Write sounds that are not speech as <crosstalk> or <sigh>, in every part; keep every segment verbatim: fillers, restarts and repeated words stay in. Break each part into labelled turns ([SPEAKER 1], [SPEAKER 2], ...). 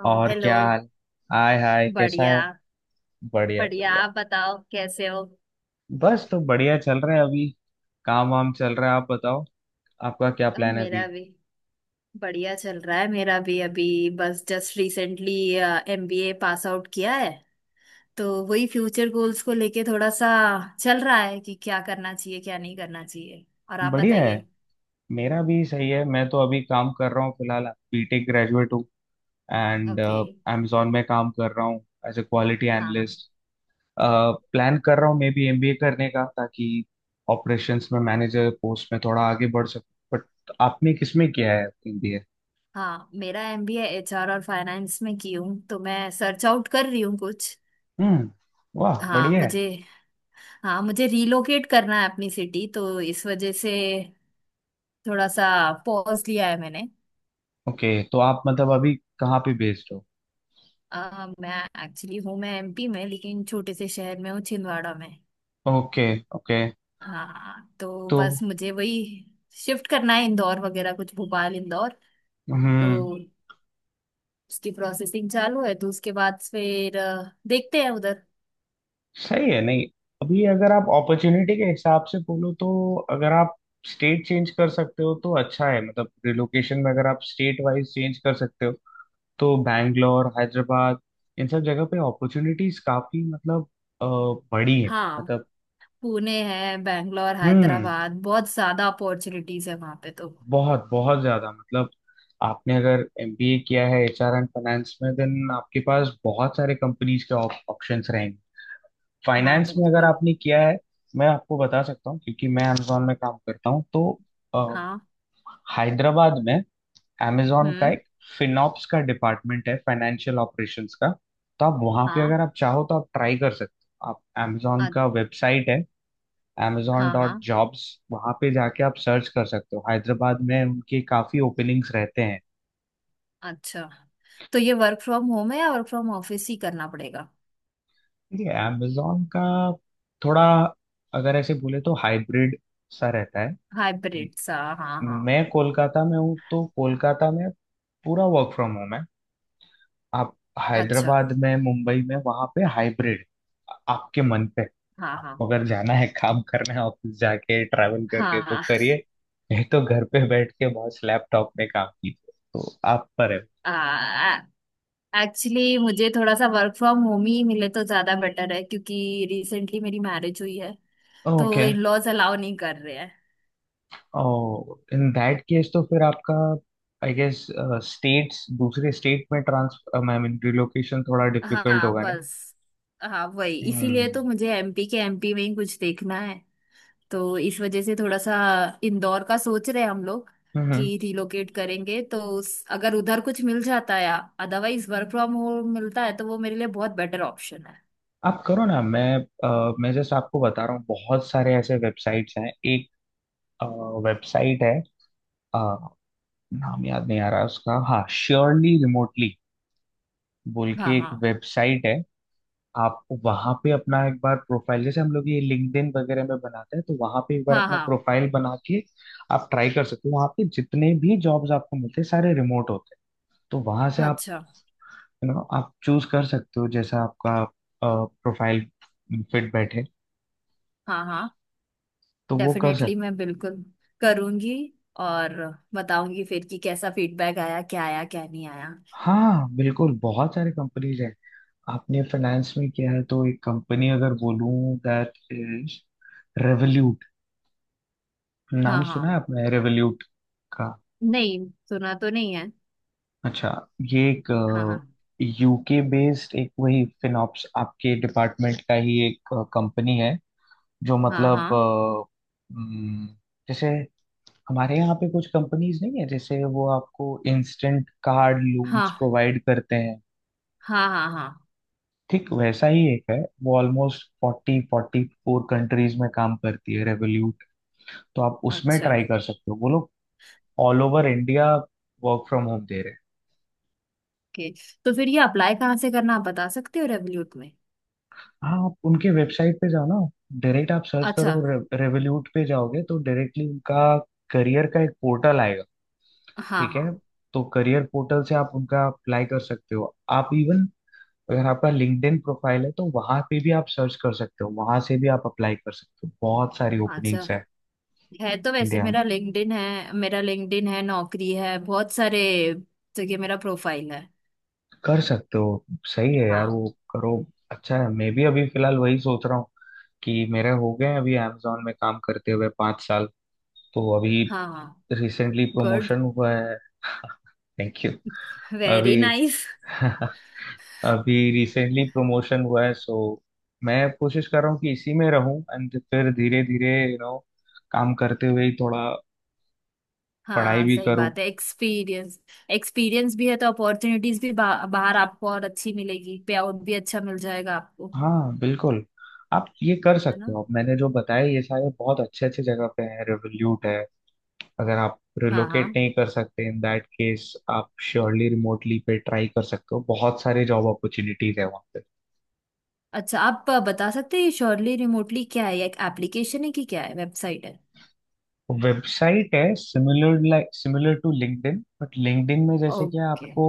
[SPEAKER 1] ओ,
[SPEAKER 2] और
[SPEAKER 1] हेलो।
[SPEAKER 2] क्या हाल? हाय हाय, कैसा
[SPEAKER 1] बढ़िया
[SPEAKER 2] है? बढ़िया,
[SPEAKER 1] बढ़िया,
[SPEAKER 2] बढ़िया।
[SPEAKER 1] आप बताओ कैसे हो।
[SPEAKER 2] बस तो बढ़िया चल रहा है अभी। काम वाम चल रहा है, आप बताओ। आपका क्या
[SPEAKER 1] अब
[SPEAKER 2] प्लान है
[SPEAKER 1] मेरा
[SPEAKER 2] अभी?
[SPEAKER 1] भी बढ़िया चल रहा है, मेरा भी अभी बस just recently MBA pass out किया है। तो वही फ्यूचर गोल्स को लेके थोड़ा सा चल रहा है कि क्या करना चाहिए क्या नहीं करना चाहिए। और आप
[SPEAKER 2] बढ़िया है।
[SPEAKER 1] बताइए।
[SPEAKER 2] मेरा भी सही है, मैं तो अभी काम कर रहा हूँ फिलहाल। बीटेक ग्रेजुएट हूँ एंड
[SPEAKER 1] ओके।
[SPEAKER 2] अमेजोन में काम कर रहा हूँ एज ए क्वालिटी
[SPEAKER 1] हाँ हाँ।
[SPEAKER 2] एनालिस्ट। प्लान कर रहा हूँ मे बी एमबीए करने का, ताकि ऑपरेशंस में मैनेजर पोस्ट में थोड़ा आगे बढ़ सकूँ, बट आपने किसमें किया है एमबीए?
[SPEAKER 1] हाँ मेरा एमबीए एचआर और फाइनेंस में की हूँ, तो मैं सर्च आउट कर रही हूँ कुछ।
[SPEAKER 2] हम्म। वाह,
[SPEAKER 1] हाँ
[SPEAKER 2] बढ़िया है।
[SPEAKER 1] मुझे हाँ मुझे रीलोकेट करना है अपनी सिटी, तो इस वजह से थोड़ा सा पॉज लिया है मैंने।
[SPEAKER 2] ओके, तो आप मतलब अभी कहाँ पे बेस्ड हो?
[SPEAKER 1] आ, मैं एक्चुअली हूँ, मैं एमपी में, लेकिन छोटे से शहर में हूँ, छिंदवाड़ा में।
[SPEAKER 2] ओके। ओके।
[SPEAKER 1] हाँ तो
[SPEAKER 2] तो
[SPEAKER 1] बस मुझे वही शिफ्ट करना है, इंदौर वगैरह कुछ, भोपाल इंदौर।
[SPEAKER 2] हम्म
[SPEAKER 1] तो उसकी प्रोसेसिंग चालू है, तो उसके बाद फिर अ, देखते हैं उधर।
[SPEAKER 2] सही है। नहीं, अभी अगर आप अपॉर्चुनिटी के हिसाब से बोलो तो, अगर आप स्टेट चेंज कर सकते हो तो अच्छा है। मतलब रिलोकेशन में अगर आप स्टेट वाइज चेंज कर सकते हो तो बैंगलोर, हैदराबाद, इन सब जगह पे अपॉर्चुनिटीज काफी मतलब अ, बड़ी है।
[SPEAKER 1] हाँ
[SPEAKER 2] मतलब
[SPEAKER 1] पुणे है, बैंगलोर,
[SPEAKER 2] हम्म।
[SPEAKER 1] हैदराबाद, बहुत ज्यादा अपॉर्चुनिटीज है वहां पे तो।
[SPEAKER 2] बहुत बहुत ज्यादा मतलब, आपने अगर एमबीए किया है एचआर एंड फाइनेंस में, देन आपके पास बहुत सारे कंपनीज के ऑप्शंस रहेंगे।
[SPEAKER 1] हाँ
[SPEAKER 2] फाइनेंस में अगर
[SPEAKER 1] बिल्कुल।
[SPEAKER 2] आपने किया है, मैं आपको बता सकता हूँ क्योंकि मैं अमेजोन में काम करता हूँ। तो अ,
[SPEAKER 1] हाँ।
[SPEAKER 2] हैदराबाद में अमेजोन का
[SPEAKER 1] हम्म।
[SPEAKER 2] एक फिनॉप्स का डिपार्टमेंट है, फाइनेंशियल ऑपरेशंस का। तो आप वहां पे
[SPEAKER 1] हाँ।
[SPEAKER 2] अगर आप चाहो तो आप ट्राई कर सकते हो। आप अमेजोन
[SPEAKER 1] अ-
[SPEAKER 2] का वेबसाइट है amazon
[SPEAKER 1] हाँ हाँ।
[SPEAKER 2] Dot jobs. वहाँ पे जाके आप सर्च कर सकते हो, हैदराबाद में उनके काफ़ी ओपनिंग्स रहते हैं।
[SPEAKER 1] अच्छा, तो ये वर्क फ्रॉम होम है या वर्क फ्रॉम ऑफिस ही करना पड़ेगा।
[SPEAKER 2] ठीक है। amazon का थोड़ा अगर ऐसे बोले तो हाइब्रिड सा रहता है।
[SPEAKER 1] हाइब्रिड सा, हाँ हाँ।
[SPEAKER 2] मैं कोलकाता में हूँ, तो कोलकाता में पूरा वर्क फ्रॉम होम है। आप
[SPEAKER 1] अच्छा।
[SPEAKER 2] हैदराबाद में, मुंबई में, वहाँ पे हाइब्रिड। आपके मन पे,
[SPEAKER 1] हाँ हाँ।
[SPEAKER 2] आपको अगर जाना है, काम करना है ऑफिस जाके ट्रैवल करके, तो
[SPEAKER 1] हाँ
[SPEAKER 2] करिए। नहीं तो घर पे बैठ के बस लैपटॉप में काम कीजिए, तो आप पर है।
[SPEAKER 1] हाँ। एक्चुअली मुझे थोड़ा सा वर्क फ्रॉम होम ही मिले तो ज्यादा बेटर है, क्योंकि रिसेंटली मेरी मैरिज हुई है। तो
[SPEAKER 2] ओके।
[SPEAKER 1] इन लॉज अलाउ नहीं कर रहे हैं।
[SPEAKER 2] ओ, इन दैट केस तो फिर आपका, आई गेस, स्टेट्स दूसरे स्टेट में ट्रांसफर, आई मीन रिलोकेशन थोड़ा डिफिकल्ट
[SPEAKER 1] हाँ
[SPEAKER 2] होगा, नहीं?
[SPEAKER 1] बस हाँ वही, इसीलिए
[SPEAKER 2] हम्म।
[SPEAKER 1] तो मुझे एमपी के एमपी में ही कुछ देखना है। तो इस वजह से थोड़ा सा इंदौर का सोच रहे हैं हम लोग
[SPEAKER 2] हम्म।
[SPEAKER 1] कि रिलोकेट करेंगे। तो उस, अगर उधर कुछ मिल जाता है, अदरवाइज वर्क फ्रॉम होम मिलता है तो वो मेरे लिए बहुत बेटर ऑप्शन है।
[SPEAKER 2] आप करो ना। मैं अ, मैं जस्ट आपको बता रहा हूँ, बहुत सारे ऐसे वेबसाइट्स हैं। एक वेबसाइट है अ, नाम याद नहीं आ रहा उसका। हाँ, श्योरली रिमोटली बोल
[SPEAKER 1] हाँ
[SPEAKER 2] के एक
[SPEAKER 1] हाँ।
[SPEAKER 2] वेबसाइट है। आप वहां पे अपना एक बार प्रोफाइल, जैसे हम लोग ये लिंक्डइन वगैरह में बनाते हैं, तो वहां पे एक बार
[SPEAKER 1] हाँ
[SPEAKER 2] अपना
[SPEAKER 1] हाँ।
[SPEAKER 2] प्रोफाइल बना के आप ट्राई कर सकते हो। वहां पे जितने भी जॉब्स आपको मिलते हैं सारे रिमोट होते हैं। तो वहां से आप
[SPEAKER 1] अच्छा।
[SPEAKER 2] यू नो आप चूज कर सकते हो जैसा आपका प्रोफाइल फिट बैठे।
[SPEAKER 1] हाँ हाँ।
[SPEAKER 2] तो वो कर
[SPEAKER 1] डेफिनेटली
[SPEAKER 2] सकते
[SPEAKER 1] मैं बिल्कुल करूंगी और बताऊंगी फिर कि कैसा फीडबैक आया, क्या आया क्या नहीं आया।
[SPEAKER 2] हो। हाँ, बिल्कुल। बहुत सारे कंपनीज हैं। आपने फाइनेंस में किया है, तो एक कंपनी अगर बोलूं, दैट इज रेवल्यूट। नाम
[SPEAKER 1] हाँ
[SPEAKER 2] सुना है
[SPEAKER 1] हाँ।
[SPEAKER 2] आपने रेवल्यूट का?
[SPEAKER 1] नहीं, सुना तो नहीं है।
[SPEAKER 2] अच्छा। ये एक
[SPEAKER 1] हाँ हाँ।
[SPEAKER 2] यूके बेस्ड, एक वही फिनॉप्स, आपके डिपार्टमेंट का ही एक कंपनी है, जो
[SPEAKER 1] हाँ
[SPEAKER 2] मतलब
[SPEAKER 1] हाँ।
[SPEAKER 2] अ, हम्म, जैसे हमारे यहाँ पे कुछ कंपनीज नहीं है जैसे, वो आपको इंस्टेंट कार्ड लोन्स
[SPEAKER 1] हाँ
[SPEAKER 2] प्रोवाइड करते हैं,
[SPEAKER 1] हाँ। हाँ हाँ।
[SPEAKER 2] ठीक वैसा ही एक है। वो almost forty forty four countries में काम करती है रेवोल्यूट। तो आप उसमें
[SPEAKER 1] अच्छा।
[SPEAKER 2] ट्राई कर सकते हो। वो लोग all over India work from home दे रहे हैं।
[SPEAKER 1] ओके, तो फिर ये अप्लाई कहाँ से करना, आप बता सकते हो रेवल्यूट में।
[SPEAKER 2] हाँ, आप उनके वेबसाइट पे जाओ ना। डायरेक्ट आप सर्च
[SPEAKER 1] अच्छा।
[SPEAKER 2] करो, रे, रेवोल्यूट पे जाओगे तो डायरेक्टली उनका करियर का एक पोर्टल आएगा।
[SPEAKER 1] हाँ
[SPEAKER 2] ठीक
[SPEAKER 1] हाँ।
[SPEAKER 2] है। तो करियर पोर्टल से आप उनका अप्लाई कर सकते हो। आप इवन, अगर आपका लिंक्डइन प्रोफाइल है, तो वहां पे भी आप सर्च कर सकते हो, वहां से भी आप अप्लाई कर सकते हो। बहुत सारी
[SPEAKER 1] अच्छा,
[SPEAKER 2] ओपनिंग्स है
[SPEAKER 1] है तो वैसे
[SPEAKER 2] इंडिया में,
[SPEAKER 1] मेरा लिंक्डइन है, मेरा लिंक्डइन है नौकरी है, बहुत सारे जगह मेरा प्रोफाइल है।
[SPEAKER 2] कर सकते हो। सही है यार,
[SPEAKER 1] हाँ।
[SPEAKER 2] वो करो। अच्छा है। मैं भी अभी फिलहाल वही सोच रहा हूँ, कि मेरे हो गए हैं अभी अमेजोन में काम करते हुए पाँच साल। तो अभी
[SPEAKER 1] हाँ हाँ।
[SPEAKER 2] Recently
[SPEAKER 1] good.
[SPEAKER 2] प्रमोशन हुआ है। <laughs> Thank you.
[SPEAKER 1] वेरी
[SPEAKER 2] अभी
[SPEAKER 1] नाइस।
[SPEAKER 2] <laughs> अभी रिसेंटली प्रमोशन हुआ है, सो मैं कोशिश कर रहा हूँ कि इसी में रहूं, एंड फिर धीरे धीरे यू नो काम करते हुए ही थोड़ा पढ़ाई
[SPEAKER 1] हाँ
[SPEAKER 2] भी
[SPEAKER 1] सही
[SPEAKER 2] करूं।
[SPEAKER 1] बात है, एक्सपीरियंस एक्सपीरियंस भी है तो अपॉर्चुनिटीज भी बा, बाहर आपको और अच्छी मिलेगी, पे आउट भी अच्छा मिल जाएगा आपको।
[SPEAKER 2] हाँ, बिल्कुल। आप ये कर
[SPEAKER 1] है ना।
[SPEAKER 2] सकते हो, मैंने जो बताया ये सारे बहुत अच्छे अच्छे जगह पे है। रिवोल्यूट है, अगर आप
[SPEAKER 1] हाँ
[SPEAKER 2] रिलोकेट
[SPEAKER 1] हाँ।
[SPEAKER 2] नहीं कर सकते, इन दैट केस आप श्योरली रिमोटली पे ट्राई कर सकते हो। बहुत सारे जॉब अपॉर्चुनिटीज है वहाँ।
[SPEAKER 1] अच्छा, आप बता सकते हैं श्योरली रिमोटली क्या है, एक एप्लीकेशन है कि क्या है, वेबसाइट है।
[SPEAKER 2] वेबसाइट है similar, like similar to LinkedIn, but LinkedIn में जैसे कि
[SPEAKER 1] ओके।
[SPEAKER 2] आपको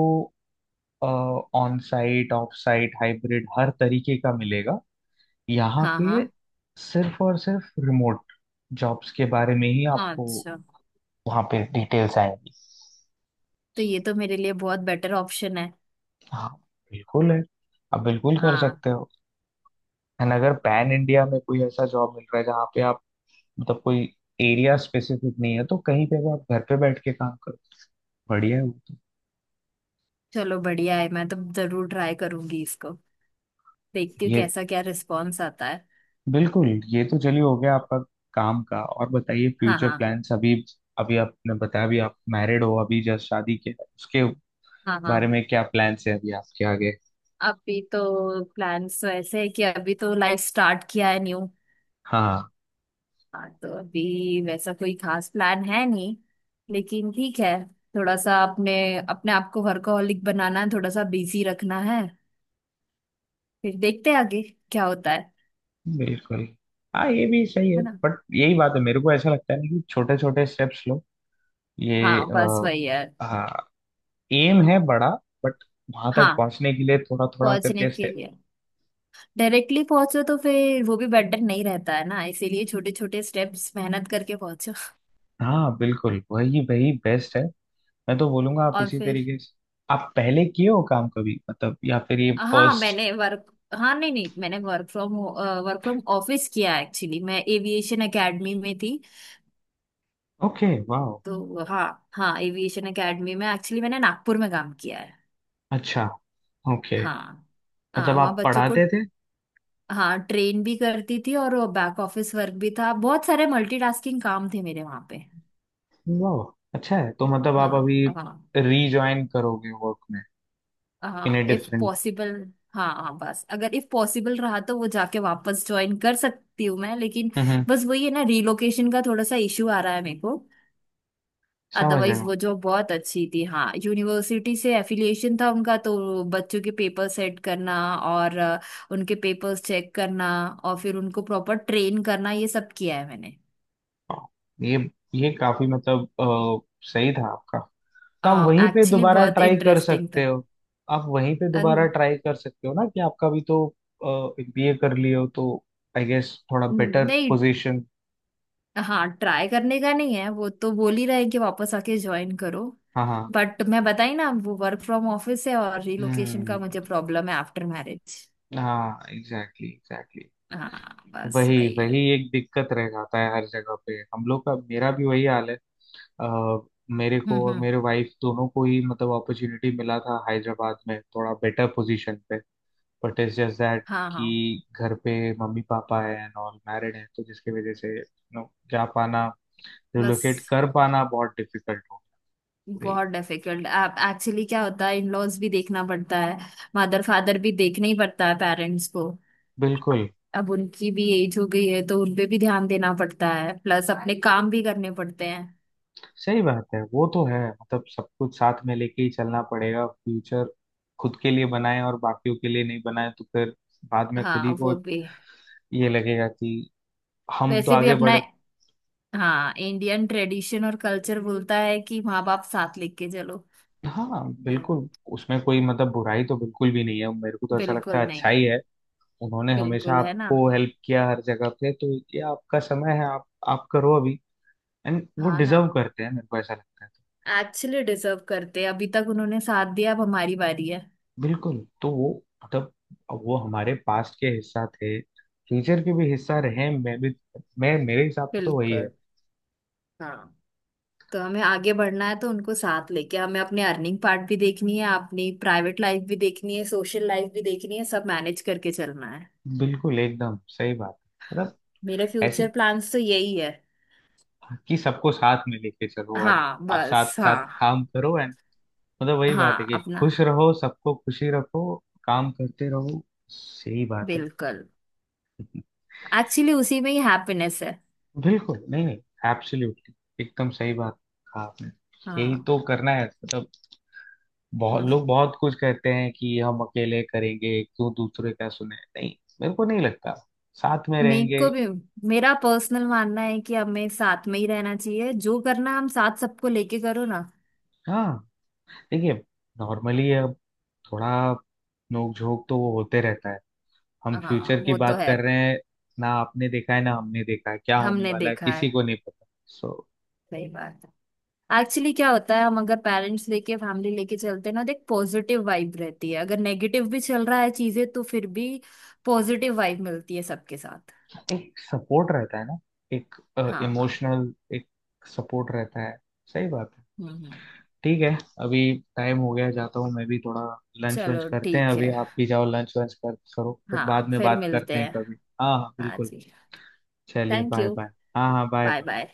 [SPEAKER 2] on site, off site, hybrid हर तरीके का मिलेगा, यहाँ
[SPEAKER 1] हाँ हाँ।
[SPEAKER 2] पे सिर्फ और सिर्फ रिमोट जॉब्स के बारे में ही आपको
[SPEAKER 1] अच्छा,
[SPEAKER 2] वहाँ पे डिटेल्स आएंगी।
[SPEAKER 1] तो ये तो मेरे लिए बहुत बेटर ऑप्शन है।
[SPEAKER 2] हाँ, बिल्कुल है। आप बिल्कुल कर
[SPEAKER 1] हाँ।
[SPEAKER 2] सकते हो। एंड अगर पैन इंडिया में कोई ऐसा जॉब मिल रहा है जहाँ पे आप मतलब कोई एरिया स्पेसिफिक नहीं है, तो कहीं पे भी आप घर पे बैठ के काम करो, बढ़िया है वो तो।
[SPEAKER 1] चलो बढ़िया है, मैं तो जरूर ट्राई करूंगी इसको। देखती हूँ
[SPEAKER 2] ये
[SPEAKER 1] कैसा क्या रिस्पॉन्स आता है।
[SPEAKER 2] बिल्कुल। ये तो चलिए हो गया आपका काम का। और बताइए
[SPEAKER 1] हाँ
[SPEAKER 2] फ्यूचर
[SPEAKER 1] हाँ।
[SPEAKER 2] प्लान्स अभी। अभी आपने बताया अभी आप मैरिड हो, अभी जस्ट शादी किया है। उसके
[SPEAKER 1] हाँ हाँ।
[SPEAKER 2] बारे में क्या प्लान्स है अभी आपके आगे?
[SPEAKER 1] अभी तो प्लान्स वैसे है कि अभी तो लाइफ स्टार्ट किया है न्यू।
[SPEAKER 2] हाँ,
[SPEAKER 1] हाँ तो अभी वैसा कोई खास प्लान है नहीं, लेकिन ठीक है, थोड़ा सा अपने अपने आप को वर्कहोलिक बनाना है, थोड़ा सा बिजी रखना है। फिर देखते हैं आगे क्या होता है।
[SPEAKER 2] बिल्कुल। हाँ ये भी सही है,
[SPEAKER 1] है ना।
[SPEAKER 2] बट यही बात है, मेरे को ऐसा लगता है ना, कि छोटे छोटे स्टेप्स लो। ये
[SPEAKER 1] हाँ बस
[SPEAKER 2] आ,
[SPEAKER 1] वही है।
[SPEAKER 2] हाँ, एम है बड़ा, बट वहां तक
[SPEAKER 1] हाँ
[SPEAKER 2] पहुंचने के लिए थोड़ा थोड़ा
[SPEAKER 1] पहुंचने
[SPEAKER 2] करके
[SPEAKER 1] के
[SPEAKER 2] स्टेप।
[SPEAKER 1] लिए, डायरेक्टली पहुंचो तो फिर वो भी बेटर नहीं रहता है ना, इसीलिए छोटे छोटे स्टेप्स मेहनत करके पहुंचो।
[SPEAKER 2] हाँ बिल्कुल, वही वही बेस्ट है। मैं तो बोलूंगा आप
[SPEAKER 1] और
[SPEAKER 2] इसी
[SPEAKER 1] फिर
[SPEAKER 2] तरीके से। आप पहले किए हो काम कभी, मतलब, या फिर ये
[SPEAKER 1] हाँ
[SPEAKER 2] फर्स्ट?
[SPEAKER 1] मैंने वर्क हाँ नहीं नहीं मैंने work from work from office किया एक्चुअली, मैं एविएशन एकेडमी में थी।
[SPEAKER 2] ओके, वाह।
[SPEAKER 1] तो हाँ। हाँ एविएशन एकेडमी में, एक्चुअली मैंने नागपुर में काम किया है।
[SPEAKER 2] अच्छा। ओके।
[SPEAKER 1] हाँ। हाँ
[SPEAKER 2] मतलब
[SPEAKER 1] वहाँ
[SPEAKER 2] आप
[SPEAKER 1] बच्चों को,
[SPEAKER 2] पढ़ाते थे?
[SPEAKER 1] हाँ ट्रेन भी करती थी और बैक ऑफिस वर्क भी था, बहुत सारे मल्टीटास्किंग काम थे मेरे वहाँ पे।
[SPEAKER 2] वाह, अच्छा है। तो मतलब आप
[SPEAKER 1] हाँ
[SPEAKER 2] अभी
[SPEAKER 1] हाँ।
[SPEAKER 2] रीजॉइन करोगे वर्क में? इन ए
[SPEAKER 1] हाँ इफ
[SPEAKER 2] डिफरेंट।
[SPEAKER 1] पॉसिबल। हाँ हाँ, बस अगर इफ पॉसिबल रहा तो वो जाके वापस ज्वाइन कर सकती हूँ मैं, लेकिन
[SPEAKER 2] हम्म।
[SPEAKER 1] बस वही है ना, रिलोकेशन का थोड़ा सा इशू आ रहा है मेरे को।
[SPEAKER 2] समझ रहे
[SPEAKER 1] अदरवाइज
[SPEAKER 2] हो।
[SPEAKER 1] वो जॉब बहुत अच्छी थी, हाँ यूनिवर्सिटी से एफिलिएशन था उनका, तो बच्चों के पेपर सेट करना और अ, उनके पेपर्स चेक करना और फिर उनको प्रॉपर ट्रेन करना, ये सब किया है मैंने।
[SPEAKER 2] वाह, ये ये काफी मतलब अ, सही था आपका। तो आप वहीं पे
[SPEAKER 1] एक्चुअली
[SPEAKER 2] दोबारा
[SPEAKER 1] बहुत
[SPEAKER 2] ट्राई कर
[SPEAKER 1] इंटरेस्टिंग था।
[SPEAKER 2] सकते हो। आप वहीं पे दोबारा
[SPEAKER 1] अन-
[SPEAKER 2] ट्राई कर सकते हो ना, कि आपका भी तो बीए कर लिए हो, तो आई गेस थोड़ा बेटर
[SPEAKER 1] नहीं,
[SPEAKER 2] पोजीशन।
[SPEAKER 1] हाँ ट्राई करने का नहीं है, वो तो बोल ही रहे हैं कि वापस आके ज्वाइन करो।
[SPEAKER 2] हाँ हाँ।
[SPEAKER 1] बट मैं बताई ना, वो वर्क फ्रॉम ऑफिस है और रिलोकेशन का
[SPEAKER 2] हम्म।
[SPEAKER 1] मुझे प्रॉब्लम है आफ्टर मैरिज।
[SPEAKER 2] हाँ, एग्जैक्टली, एग्जैक्टली।
[SPEAKER 1] हाँ बस
[SPEAKER 2] वही
[SPEAKER 1] वही है।
[SPEAKER 2] वही
[SPEAKER 1] हम्म
[SPEAKER 2] एक दिक्कत रह जाता है हर जगह पे हम लोग का, मेरा भी वही हाल है। अ, मेरे को और
[SPEAKER 1] हम्म।
[SPEAKER 2] मेरे वाइफ दोनों को ही मतलब अपॉर्चुनिटी मिला था हैदराबाद में थोड़ा बेटर पोजीशन पे, बट इट्स जस्ट दैट
[SPEAKER 1] हाँ हाँ
[SPEAKER 2] कि घर पे मम्मी पापा है एंड ऑल मैरिड है, तो जिसकी वजह से नो, जा पाना, रिलोकेट
[SPEAKER 1] बस
[SPEAKER 2] कर पाना बहुत डिफिकल्ट हो गई।
[SPEAKER 1] बहुत डिफिकल्ट। आप एक्चुअली क्या होता है, इन लॉज भी देखना पड़ता है, मदर फादर भी देखना ही पड़ता है, पेरेंट्स को।
[SPEAKER 2] बिल्कुल,
[SPEAKER 1] अब उनकी भी एज हो गई है तो उन पे भी ध्यान देना पड़ता है, प्लस अपने काम भी करने पड़ते हैं।
[SPEAKER 2] सही बात है, वो तो है। मतलब सब कुछ साथ में लेके ही चलना पड़ेगा। फ्यूचर खुद के लिए बनाए और बाकियों के लिए नहीं बनाए, तो फिर बाद में खुद
[SPEAKER 1] हाँ
[SPEAKER 2] ही को
[SPEAKER 1] वो
[SPEAKER 2] एक
[SPEAKER 1] भी,
[SPEAKER 2] ये लगेगा कि हम तो
[SPEAKER 1] वैसे भी
[SPEAKER 2] आगे
[SPEAKER 1] अपना,
[SPEAKER 2] बढ़।
[SPEAKER 1] हाँ इंडियन ट्रेडिशन और कल्चर बोलता है कि माँ बाप साथ लेके चलो।
[SPEAKER 2] हाँ बिल्कुल। उसमें कोई मतलब बुराई तो बिल्कुल भी नहीं है, मेरे को तो ऐसा लगता
[SPEAKER 1] बिल्कुल
[SPEAKER 2] है
[SPEAKER 1] नहीं
[SPEAKER 2] अच्छा
[SPEAKER 1] है।
[SPEAKER 2] ही है। उन्होंने हमेशा
[SPEAKER 1] बिल्कुल, है ना।
[SPEAKER 2] आपको हेल्प किया हर जगह पे, तो ये आपका समय है, आप आप करो अभी। एंड वो
[SPEAKER 1] हाँ ना,
[SPEAKER 2] डिजर्व करते हैं, मेरे को ऐसा लगता है।
[SPEAKER 1] एक्चुअली डिजर्व करते हैं, अभी तक उन्होंने साथ दिया, अब हमारी बारी है।
[SPEAKER 2] बिल्कुल। तो वो मतलब अब वो हमारे पास्ट के हिस्सा थे, फ्यूचर के भी हिस्सा रहे। मैं भी मैं मेरे हिसाब से तो वही है।
[SPEAKER 1] बिल्कुल। हाँ तो हमें आगे बढ़ना है तो उनको साथ लेके हमें अपने अर्निंग पार्ट भी देखनी है, अपनी प्राइवेट लाइफ भी देखनी है, सोशल लाइफ भी देखनी है, सब मैनेज करके चलना है।
[SPEAKER 2] बिल्कुल, एकदम सही बात। मतलब
[SPEAKER 1] मेरे
[SPEAKER 2] ऐसे
[SPEAKER 1] फ्यूचर प्लान्स तो यही है।
[SPEAKER 2] कि सबको साथ में लेके चलो और
[SPEAKER 1] हाँ बस।
[SPEAKER 2] साथ साथ
[SPEAKER 1] हाँ
[SPEAKER 2] काम करो। एंड मतलब वही बात है
[SPEAKER 1] हाँ
[SPEAKER 2] कि
[SPEAKER 1] अपना।
[SPEAKER 2] खुश रहो, सबको खुशी रखो, काम करते रहो। सही बात है।
[SPEAKER 1] बिल्कुल, एक्चुअली उसी में ही हैप्पीनेस है।
[SPEAKER 2] बिल्कुल, नहीं नहीं, एब्सोल्युटली एकदम सही बात कहा आपने। यही
[SPEAKER 1] हाँ।
[SPEAKER 2] तो करना है, मतलब बहुत
[SPEAKER 1] हम्म।
[SPEAKER 2] लोग बहुत कुछ कहते हैं कि हम अकेले करेंगे, क्यों दूसरे का सुने। नहीं, मेरे को नहीं लगता, साथ में
[SPEAKER 1] मेरे
[SPEAKER 2] रहेंगे।
[SPEAKER 1] को भी, मेरा पर्सनल मानना है कि हमें साथ में ही रहना चाहिए, जो करना हम साथ सबको लेके करो ना।
[SPEAKER 2] हाँ। देखिए नॉर्मली अब थोड़ा नोक झोंक तो वो होते रहता है, हम
[SPEAKER 1] हाँ
[SPEAKER 2] फ्यूचर की
[SPEAKER 1] वो तो
[SPEAKER 2] बात
[SPEAKER 1] है।
[SPEAKER 2] कर रहे हैं ना। आपने देखा है ना, हमने देखा है, क्या होने
[SPEAKER 1] हमने
[SPEAKER 2] वाला है
[SPEAKER 1] देखा है।
[SPEAKER 2] किसी को नहीं पता। सो
[SPEAKER 1] सही बात है। एक्चुअली क्या होता है, हम अगर पेरेंट्स लेके फैमिली लेके चलते हैं ना तो एक पॉजिटिव वाइब रहती है, अगर नेगेटिव भी चल रहा है चीजें तो फिर भी पॉजिटिव वाइब मिलती है सबके साथ।
[SPEAKER 2] एक सपोर्ट रहता है ना, एक
[SPEAKER 1] हाँ हाँ।
[SPEAKER 2] इमोशनल एक सपोर्ट रहता है। सही बात है।
[SPEAKER 1] हम्म हम्म।
[SPEAKER 2] ठीक है। अभी टाइम हो गया, जाता हूँ मैं भी थोड़ा लंच वंच
[SPEAKER 1] चलो
[SPEAKER 2] करते हैं
[SPEAKER 1] ठीक है।
[SPEAKER 2] अभी, आप भी जाओ लंच वंच कर करो फिर बाद
[SPEAKER 1] हाँ
[SPEAKER 2] में
[SPEAKER 1] फिर
[SPEAKER 2] बात करते
[SPEAKER 1] मिलते
[SPEAKER 2] हैं
[SPEAKER 1] हैं।
[SPEAKER 2] कभी। हाँ हाँ
[SPEAKER 1] हाँ
[SPEAKER 2] बिल्कुल।
[SPEAKER 1] जी।
[SPEAKER 2] चलिए,
[SPEAKER 1] थैंक
[SPEAKER 2] बाय
[SPEAKER 1] यू।
[SPEAKER 2] बाय। हाँ हाँ
[SPEAKER 1] बाय
[SPEAKER 2] बाय।
[SPEAKER 1] बाय।